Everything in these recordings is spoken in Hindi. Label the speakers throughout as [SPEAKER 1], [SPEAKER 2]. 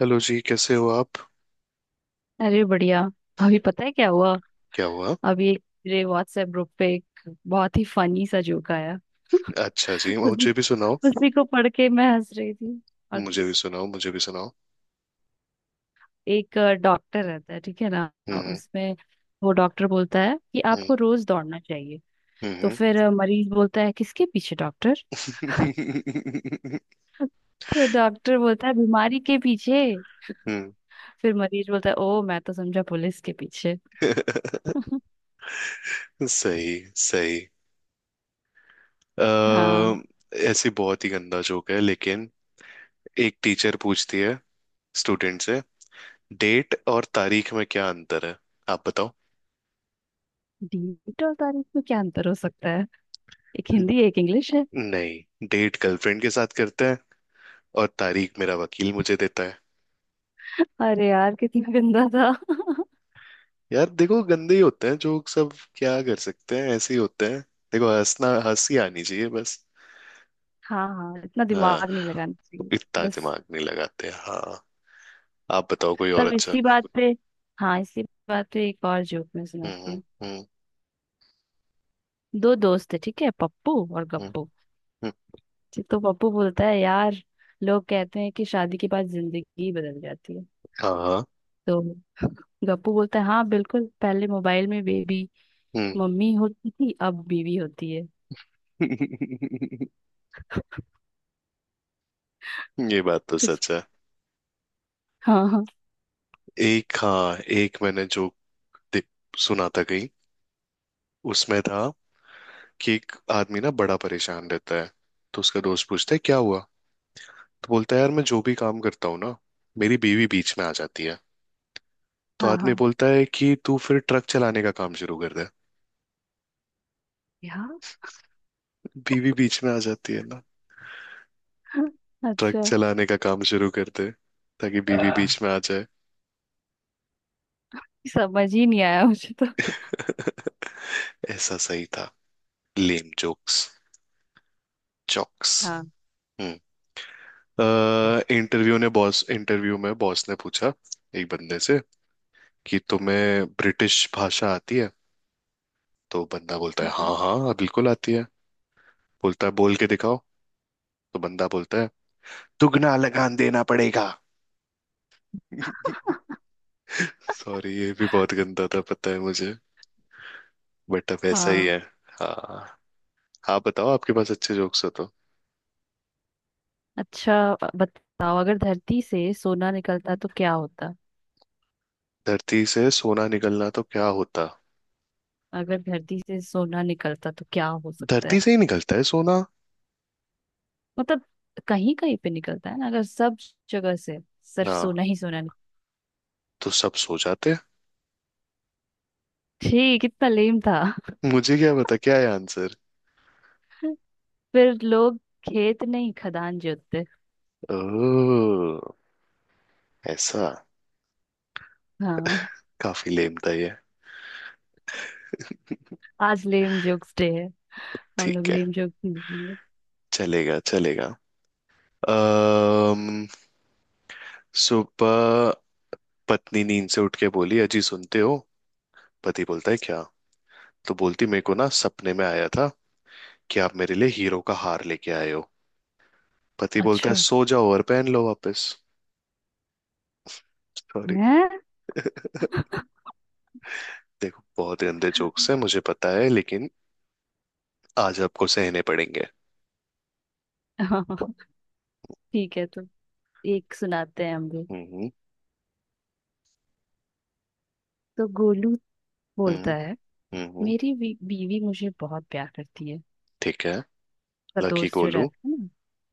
[SPEAKER 1] हेलो जी, कैसे हो आप?
[SPEAKER 2] अरे बढ़िया। अभी पता है क्या हुआ।
[SPEAKER 1] क्या हुआ?
[SPEAKER 2] अभी एक मेरे व्हाट्सएप ग्रुप पे एक बहुत ही फनी सा जोक आया
[SPEAKER 1] अच्छा जी,
[SPEAKER 2] उसी
[SPEAKER 1] मुझे भी सुनाओ,
[SPEAKER 2] उसी को पढ़ के मैं हंस रही थी। और
[SPEAKER 1] मुझे भी सुनाओ, मुझे भी सुनाओ।
[SPEAKER 2] एक डॉक्टर रहता है ठीक है ना।
[SPEAKER 1] हम्म।
[SPEAKER 2] उसमें वो डॉक्टर बोलता है कि
[SPEAKER 1] हम्म।
[SPEAKER 2] आपको रोज दौड़ना चाहिए। तो
[SPEAKER 1] हम्म।
[SPEAKER 2] फिर मरीज बोलता है किसके पीछे डॉक्टर। तो डॉक्टर बोलता है बीमारी के पीछे।
[SPEAKER 1] हम्म।
[SPEAKER 2] फिर मरीज बोलता है ओ मैं तो समझा पुलिस के पीछे।
[SPEAKER 1] सही सही।
[SPEAKER 2] हाँ।
[SPEAKER 1] अः ऐसी बहुत ही गंदा जोक है, लेकिन एक टीचर पूछती है स्टूडेंट से, डेट और तारीख में क्या अंतर है, आप बताओ।
[SPEAKER 2] डीट और तारीख में क्या अंतर हो सकता है। एक हिंदी एक इंग्लिश है।
[SPEAKER 1] नहीं, डेट गर्लफ्रेंड के साथ करते हैं और तारीख मेरा वकील मुझे देता है।
[SPEAKER 2] अरे यार कितना गंदा था।
[SPEAKER 1] यार देखो, गंदे ही होते हैं जोक सब। क्या कर सकते हैं, ऐसे ही होते हैं। देखो, हंसना हंसी आनी चाहिए बस।
[SPEAKER 2] हाँ हाँ, इतना
[SPEAKER 1] हाँ,
[SPEAKER 2] दिमाग नहीं लगाना चाहिए।
[SPEAKER 1] इतना
[SPEAKER 2] बस
[SPEAKER 1] दिमाग नहीं लगाते, हाँ। आप बताओ कोई और
[SPEAKER 2] तब
[SPEAKER 1] अच्छा।
[SPEAKER 2] इसी बात पे, हाँ, इसी बात पे एक और जोक मैं सुनाती
[SPEAKER 1] हम्म।
[SPEAKER 2] हूँ।
[SPEAKER 1] हम्म।
[SPEAKER 2] दो दोस्त है ठीक है, पप्पू और
[SPEAKER 1] हम्म।
[SPEAKER 2] गप्पू।
[SPEAKER 1] हम्म,
[SPEAKER 2] ठीक, तो पप्पू बोलता है यार लोग कहते हैं कि शादी के बाद जिंदगी बदल जाती है।
[SPEAKER 1] हाँ।
[SPEAKER 2] तो गप्पू बोलता है हाँ बिल्कुल, पहले मोबाइल में बेबी
[SPEAKER 1] हम्म।
[SPEAKER 2] मम्मी होती थी अब बीवी होती है।
[SPEAKER 1] ये बात तो
[SPEAKER 2] कुछ
[SPEAKER 1] सच है।
[SPEAKER 2] हाँ हाँ।
[SPEAKER 1] एक मैंने जो दे- सुना था कहीं, उसमें था कि एक आदमी ना बड़ा परेशान रहता है। तो उसका दोस्त पूछता है क्या हुआ, तो बोलता है यार मैं जो भी काम करता हूँ ना, मेरी बीवी बीच में आ जाती है। तो
[SPEAKER 2] हाँ
[SPEAKER 1] आदमी
[SPEAKER 2] हाँ
[SPEAKER 1] बोलता है कि तू फिर ट्रक चलाने का काम शुरू कर दे।
[SPEAKER 2] यार।
[SPEAKER 1] बीवी बीच में आ जाती है ना, ट्रक
[SPEAKER 2] अच्छा,
[SPEAKER 1] चलाने का काम शुरू कर दे, ताकि बीवी बीच में आ जाए।
[SPEAKER 2] समझ ही नहीं आया मुझे तो।
[SPEAKER 1] ऐसा सही था। Lame jokes, jokes. हम्म। इंटरव्यू में बॉस ने पूछा एक बंदे से कि तुम्हें ब्रिटिश भाषा आती है। तो बंदा बोलता है
[SPEAKER 2] हाँ
[SPEAKER 1] हाँ हाँ हाँ, बिल्कुल आती है। बोलता है बोल के दिखाओ। तो बंदा बोलता है दुगना लगान देना पड़ेगा। सॉरी, ये भी बहुत गंदा था, पता है मुझे। बेटअप ऐसा ही
[SPEAKER 2] हाँ।
[SPEAKER 1] है। हाँ। आप बताओ, आपके पास अच्छे जोक्स हो तो।
[SPEAKER 2] अच्छा, बताओ अगर धरती से सोना निकलता तो क्या होता।
[SPEAKER 1] धरती से सोना निकलना तो क्या होता?
[SPEAKER 2] अगर धरती से सोना निकलता तो क्या हो सकता
[SPEAKER 1] धरती
[SPEAKER 2] है।
[SPEAKER 1] से ही निकलता है सोना।
[SPEAKER 2] मतलब कहीं कहीं पे निकलता है ना, अगर सब जगह से सिर्फ
[SPEAKER 1] हाँ,
[SPEAKER 2] सोना ही सोना निकल।
[SPEAKER 1] तो सब सो जाते।
[SPEAKER 2] ठीक, कितना लेम था।
[SPEAKER 1] मुझे क्या पता क्या है आंसर।
[SPEAKER 2] फिर लोग खेत नहीं खदान जोतते।
[SPEAKER 1] ओह, ऐसा।
[SPEAKER 2] हाँ,
[SPEAKER 1] काफी लेम था ये।
[SPEAKER 2] आज लेम जोक्स डे है। हम लोग
[SPEAKER 1] ठीक है,
[SPEAKER 2] लेम जोक
[SPEAKER 1] चलेगा चलेगा। अम्म सुबह पत्नी नींद से उठ के बोली, अजी सुनते हो। पति बोलता है क्या। तो बोलती मेरे को ना सपने में आया था कि आप मेरे लिए हीरो का हार लेके आए हो। पति बोलता है
[SPEAKER 2] अच्छा
[SPEAKER 1] सो जाओ और पहन लो वापस। सॉरी।
[SPEAKER 2] है।
[SPEAKER 1] देखो, बहुत गंदे जोक्स हैं मुझे पता है, लेकिन आज आपको सहने पड़ेंगे।
[SPEAKER 2] ठीक है, तो एक सुनाते हैं हम भी।
[SPEAKER 1] हम्म।
[SPEAKER 2] तो गोलू
[SPEAKER 1] हम्म।
[SPEAKER 2] बोलता है
[SPEAKER 1] हम्म।
[SPEAKER 2] मेरी बीवी मुझे बहुत प्यार करती है।
[SPEAKER 1] ठीक है।
[SPEAKER 2] उसका
[SPEAKER 1] लकी
[SPEAKER 2] दोस्त जो
[SPEAKER 1] गोलू।
[SPEAKER 2] रहता है ना,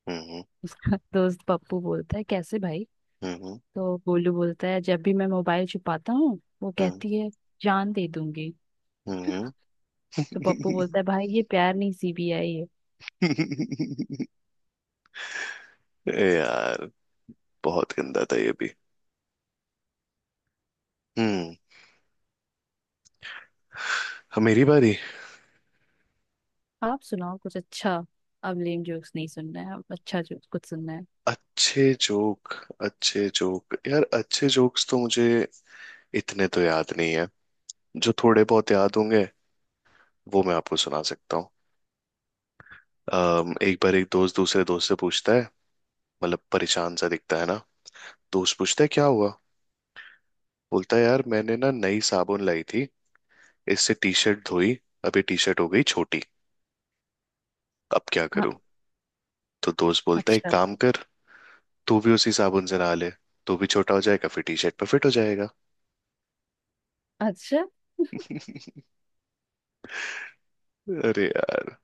[SPEAKER 1] हम्म।
[SPEAKER 2] उसका दोस्त पप्पू बोलता है कैसे भाई।
[SPEAKER 1] हम्म।
[SPEAKER 2] तो गोलू बोलता है जब भी मैं मोबाइल छुपाता हूँ वो
[SPEAKER 1] हम्म।
[SPEAKER 2] कहती है जान दे दूंगी।
[SPEAKER 1] हम्म।
[SPEAKER 2] तो पप्पू बोलता है भाई ये प्यार नहीं सीबीआई है।
[SPEAKER 1] ए यार, बहुत गंदा था ये भी। हम्म। हाँ, मेरी बारी।
[SPEAKER 2] आप सुनाओ कुछ अच्छा। अब लेम जोक्स नहीं सुनना है, अब अच्छा जोक्स कुछ सुनना है।
[SPEAKER 1] अच्छे जोक, अच्छे जोक यार, अच्छे जोक्स तो मुझे इतने तो याद नहीं है। जो थोड़े बहुत याद होंगे, वो मैं आपको सुना सकता हूँ। एक बार एक दोस्त दूसरे दोस्त से पूछता है, मतलब परेशान सा दिखता है ना। दोस्त पूछता है क्या हुआ। बोलता है यार मैंने ना नई साबुन लाई थी, इससे टी शर्ट धोई, अभी टी शर्ट हो गई छोटी, अब क्या
[SPEAKER 2] हाँ।
[SPEAKER 1] करूं। तो दोस्त बोलता है एक
[SPEAKER 2] अच्छा।
[SPEAKER 1] काम कर, तू भी उसी साबुन से नहा ले, तू भी छोटा हो जाएगा, फिर टी शर्ट पर फिट हो जाएगा।
[SPEAKER 2] अच्छा।
[SPEAKER 1] अरे यार,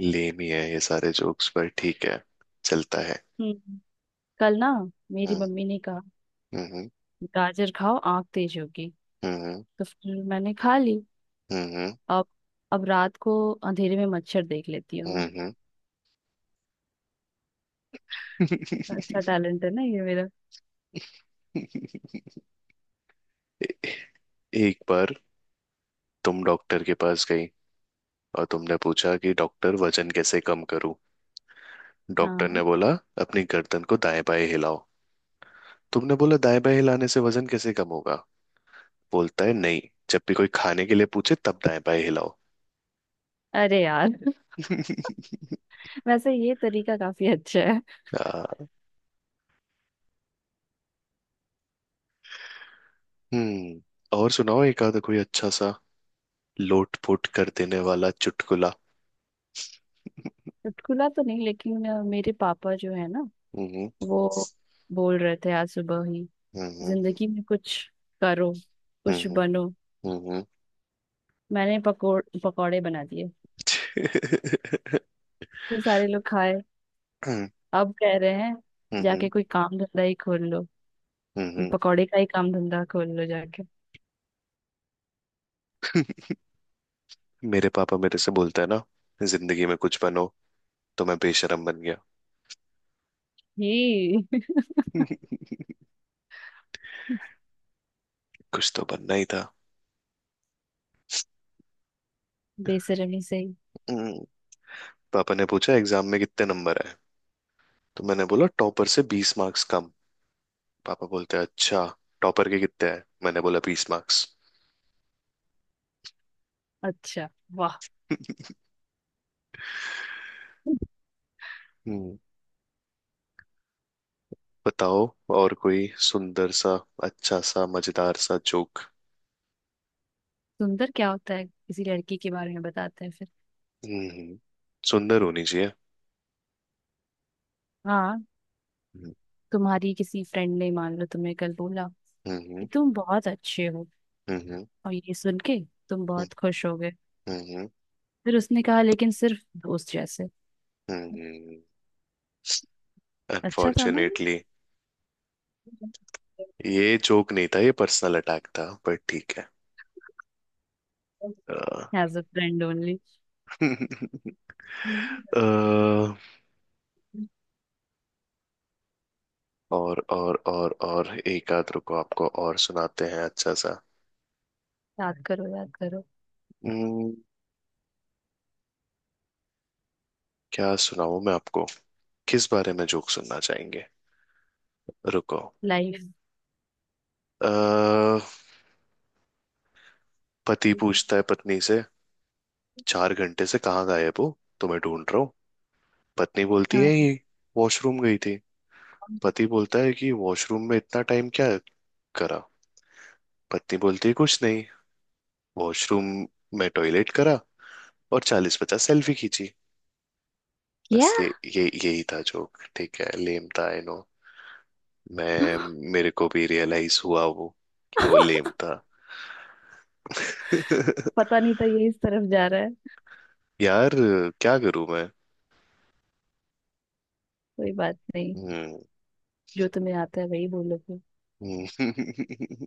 [SPEAKER 1] लेम ही है ये सारे जोक्स, पर ठीक है, चलता है।
[SPEAKER 2] हम्म। कल ना, मेरी
[SPEAKER 1] हम्म।
[SPEAKER 2] मम्मी ने कहा
[SPEAKER 1] हम्म।
[SPEAKER 2] गाजर खाओ आंख तेज होगी।
[SPEAKER 1] हम्म।
[SPEAKER 2] तो फिर मैंने खा ली।
[SPEAKER 1] हम्म।
[SPEAKER 2] अब अब रात को अंधेरे में मच्छर देख लेती हूँ
[SPEAKER 1] हम्म।
[SPEAKER 2] मैं।
[SPEAKER 1] हम्म।
[SPEAKER 2] अच्छा टैलेंट है ना ये मेरा।
[SPEAKER 1] ए- एक बार तुम डॉक्टर के पास गई और तुमने पूछा कि डॉक्टर वजन कैसे कम करूं। डॉक्टर
[SPEAKER 2] हाँ।
[SPEAKER 1] ने बोला अपनी गर्दन को दाएं बाएं हिलाओ। तुमने बोला दाएं बाएं हिलाने से वजन कैसे कम होगा। बोलता है नहीं, जब भी कोई खाने के लिए पूछे तब दाएं बाएं हिलाओ।
[SPEAKER 2] अरे यार। वैसे ये तरीका काफी अच्छा है।
[SPEAKER 1] आ, हम्म। और सुनाओ एक आधा कोई अच्छा सा लोट पोट कर देने वाला चुटकुला।
[SPEAKER 2] चुटकुला तो नहीं लेकिन मेरे पापा जो है ना,
[SPEAKER 1] हम्म।
[SPEAKER 2] वो बोल रहे थे आज सुबह ही
[SPEAKER 1] हम्म।
[SPEAKER 2] जिंदगी में कुछ करो कुछ
[SPEAKER 1] हम्म।
[SPEAKER 2] बनो।
[SPEAKER 1] हम्म। हम्म।
[SPEAKER 2] मैंने पकोड़ पकौड़े बना दिए, फिर सारे लोग खाए। अब कह रहे हैं
[SPEAKER 1] हम्म, हम्म,
[SPEAKER 2] जाके कोई काम धंधा ही खोल लो, इस
[SPEAKER 1] हम्म।
[SPEAKER 2] पकौड़े का ही काम धंधा खोल लो जाके।
[SPEAKER 1] मेरे पापा मेरे से बोलता है ना, जिंदगी में कुछ बनो। तो मैं बेशरम बन गया।
[SPEAKER 2] ही।
[SPEAKER 1] कुछ तो बनना ही था।
[SPEAKER 2] बेशर्मी से ही।
[SPEAKER 1] हम्म, पापा ने पूछा एग्जाम में कितने नंबर आए। तो मैंने बोला टॉपर से 20 मार्क्स कम। पापा बोलते हैं अच्छा, टॉपर के कितने आए। मैंने बोला 20 मार्क्स।
[SPEAKER 2] अच्छा। वाह।
[SPEAKER 1] हम्म। बताओ और कोई सुंदर सा अच्छा सा मजेदार सा जोक।
[SPEAKER 2] सुंदर क्या होता है किसी लड़की के बारे में बताते हैं फिर।
[SPEAKER 1] हम्म। सुंदर होनी चाहिए।
[SPEAKER 2] हाँ,
[SPEAKER 1] हम्म।
[SPEAKER 2] तुम्हारी किसी फ्रेंड ने मान लो तुम्हें कल बोला कि
[SPEAKER 1] हम्म।
[SPEAKER 2] तुम बहुत अच्छे हो,
[SPEAKER 1] हम्म।
[SPEAKER 2] और ये सुन के तुम बहुत खुश हो गए।
[SPEAKER 1] हम्म।
[SPEAKER 2] फिर उसने कहा लेकिन सिर्फ दोस्त जैसे।
[SPEAKER 1] हम्म।
[SPEAKER 2] अच्छा था ना ये।
[SPEAKER 1] अनफॉर्चुनेटली। ये जोक नहीं था, ये पर्सनल अटैक था, पर ठीक है। Uh,
[SPEAKER 2] as a friend only.
[SPEAKER 1] अ, और एक आध, रुको आपको और सुनाते हैं अच्छा सा।
[SPEAKER 2] याद करो याद करो।
[SPEAKER 1] हम्म, क्या सुनाऊं मैं आपको? किस बारे में जोक सुनना चाहेंगे? रुको।
[SPEAKER 2] लाइफ।
[SPEAKER 1] अ, पति पूछता है पत्नी से, चार घंटे से कहाँ गायब हो? तुम्हें ढूंढ रहा हूँ। पत्नी बोलती है
[SPEAKER 2] हाँ।
[SPEAKER 1] ये वॉशरूम गई थी। पति बोलता है कि वॉशरूम में इतना टाइम क्या करा? पत्नी बोलती है कुछ नहीं, वॉशरूम में टॉयलेट करा और 40-50 सेल्फी खींची।
[SPEAKER 2] क्या।
[SPEAKER 1] बस ये यही था जोक, ठीक है, लेम था आई नो। मैं मेरे को भी रियलाइज हुआ वो, कि वो लेम था।
[SPEAKER 2] पता नहीं था ये इस तरफ जा रहा है।
[SPEAKER 1] यार, क्या करूं मैं?
[SPEAKER 2] कोई बात नहीं,
[SPEAKER 1] हम्म।
[SPEAKER 2] जो तुम्हें आता है वही बोलोगे।
[SPEAKER 1] हम्म।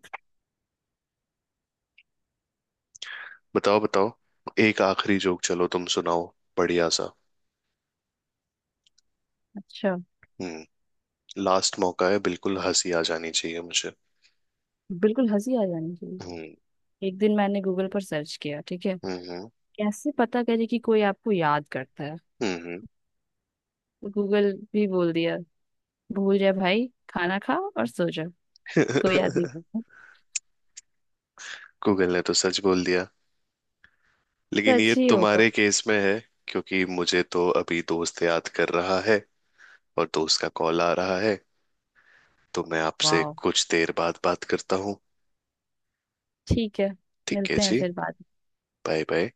[SPEAKER 1] बताओ बताओ, एक आखिरी जोक, चलो तुम सुनाओ बढ़िया सा।
[SPEAKER 2] अच्छा,
[SPEAKER 1] हम्म। लास्ट मौका है, बिल्कुल हंसी आ जानी चाहिए मुझे।
[SPEAKER 2] बिल्कुल हंसी आ जानी चाहिए।
[SPEAKER 1] हम्म।
[SPEAKER 2] एक दिन मैंने गूगल पर सर्च किया ठीक है,
[SPEAKER 1] हम्म।
[SPEAKER 2] कैसे पता करे कि कोई आपको याद करता है।
[SPEAKER 1] हम्म।
[SPEAKER 2] तो गूगल भी बोल दिया भूल जाए भाई खाना खा और सो जा, कोई याद नहीं
[SPEAKER 1] हम्म।
[SPEAKER 2] करता।
[SPEAKER 1] गूगल ने तो सच बोल दिया, लेकिन
[SPEAKER 2] सच
[SPEAKER 1] ये
[SPEAKER 2] ही होगा।
[SPEAKER 1] तुम्हारे केस में है, क्योंकि मुझे तो अभी दोस्त याद कर रहा है और दोस्त का कॉल आ रहा है, तो मैं आपसे
[SPEAKER 2] वाह।
[SPEAKER 1] कुछ देर बाद बात करता हूँ।
[SPEAKER 2] ठीक है।
[SPEAKER 1] ठीक है
[SPEAKER 2] मिलते हैं
[SPEAKER 1] जी,
[SPEAKER 2] फिर बाद।
[SPEAKER 1] Bye bye.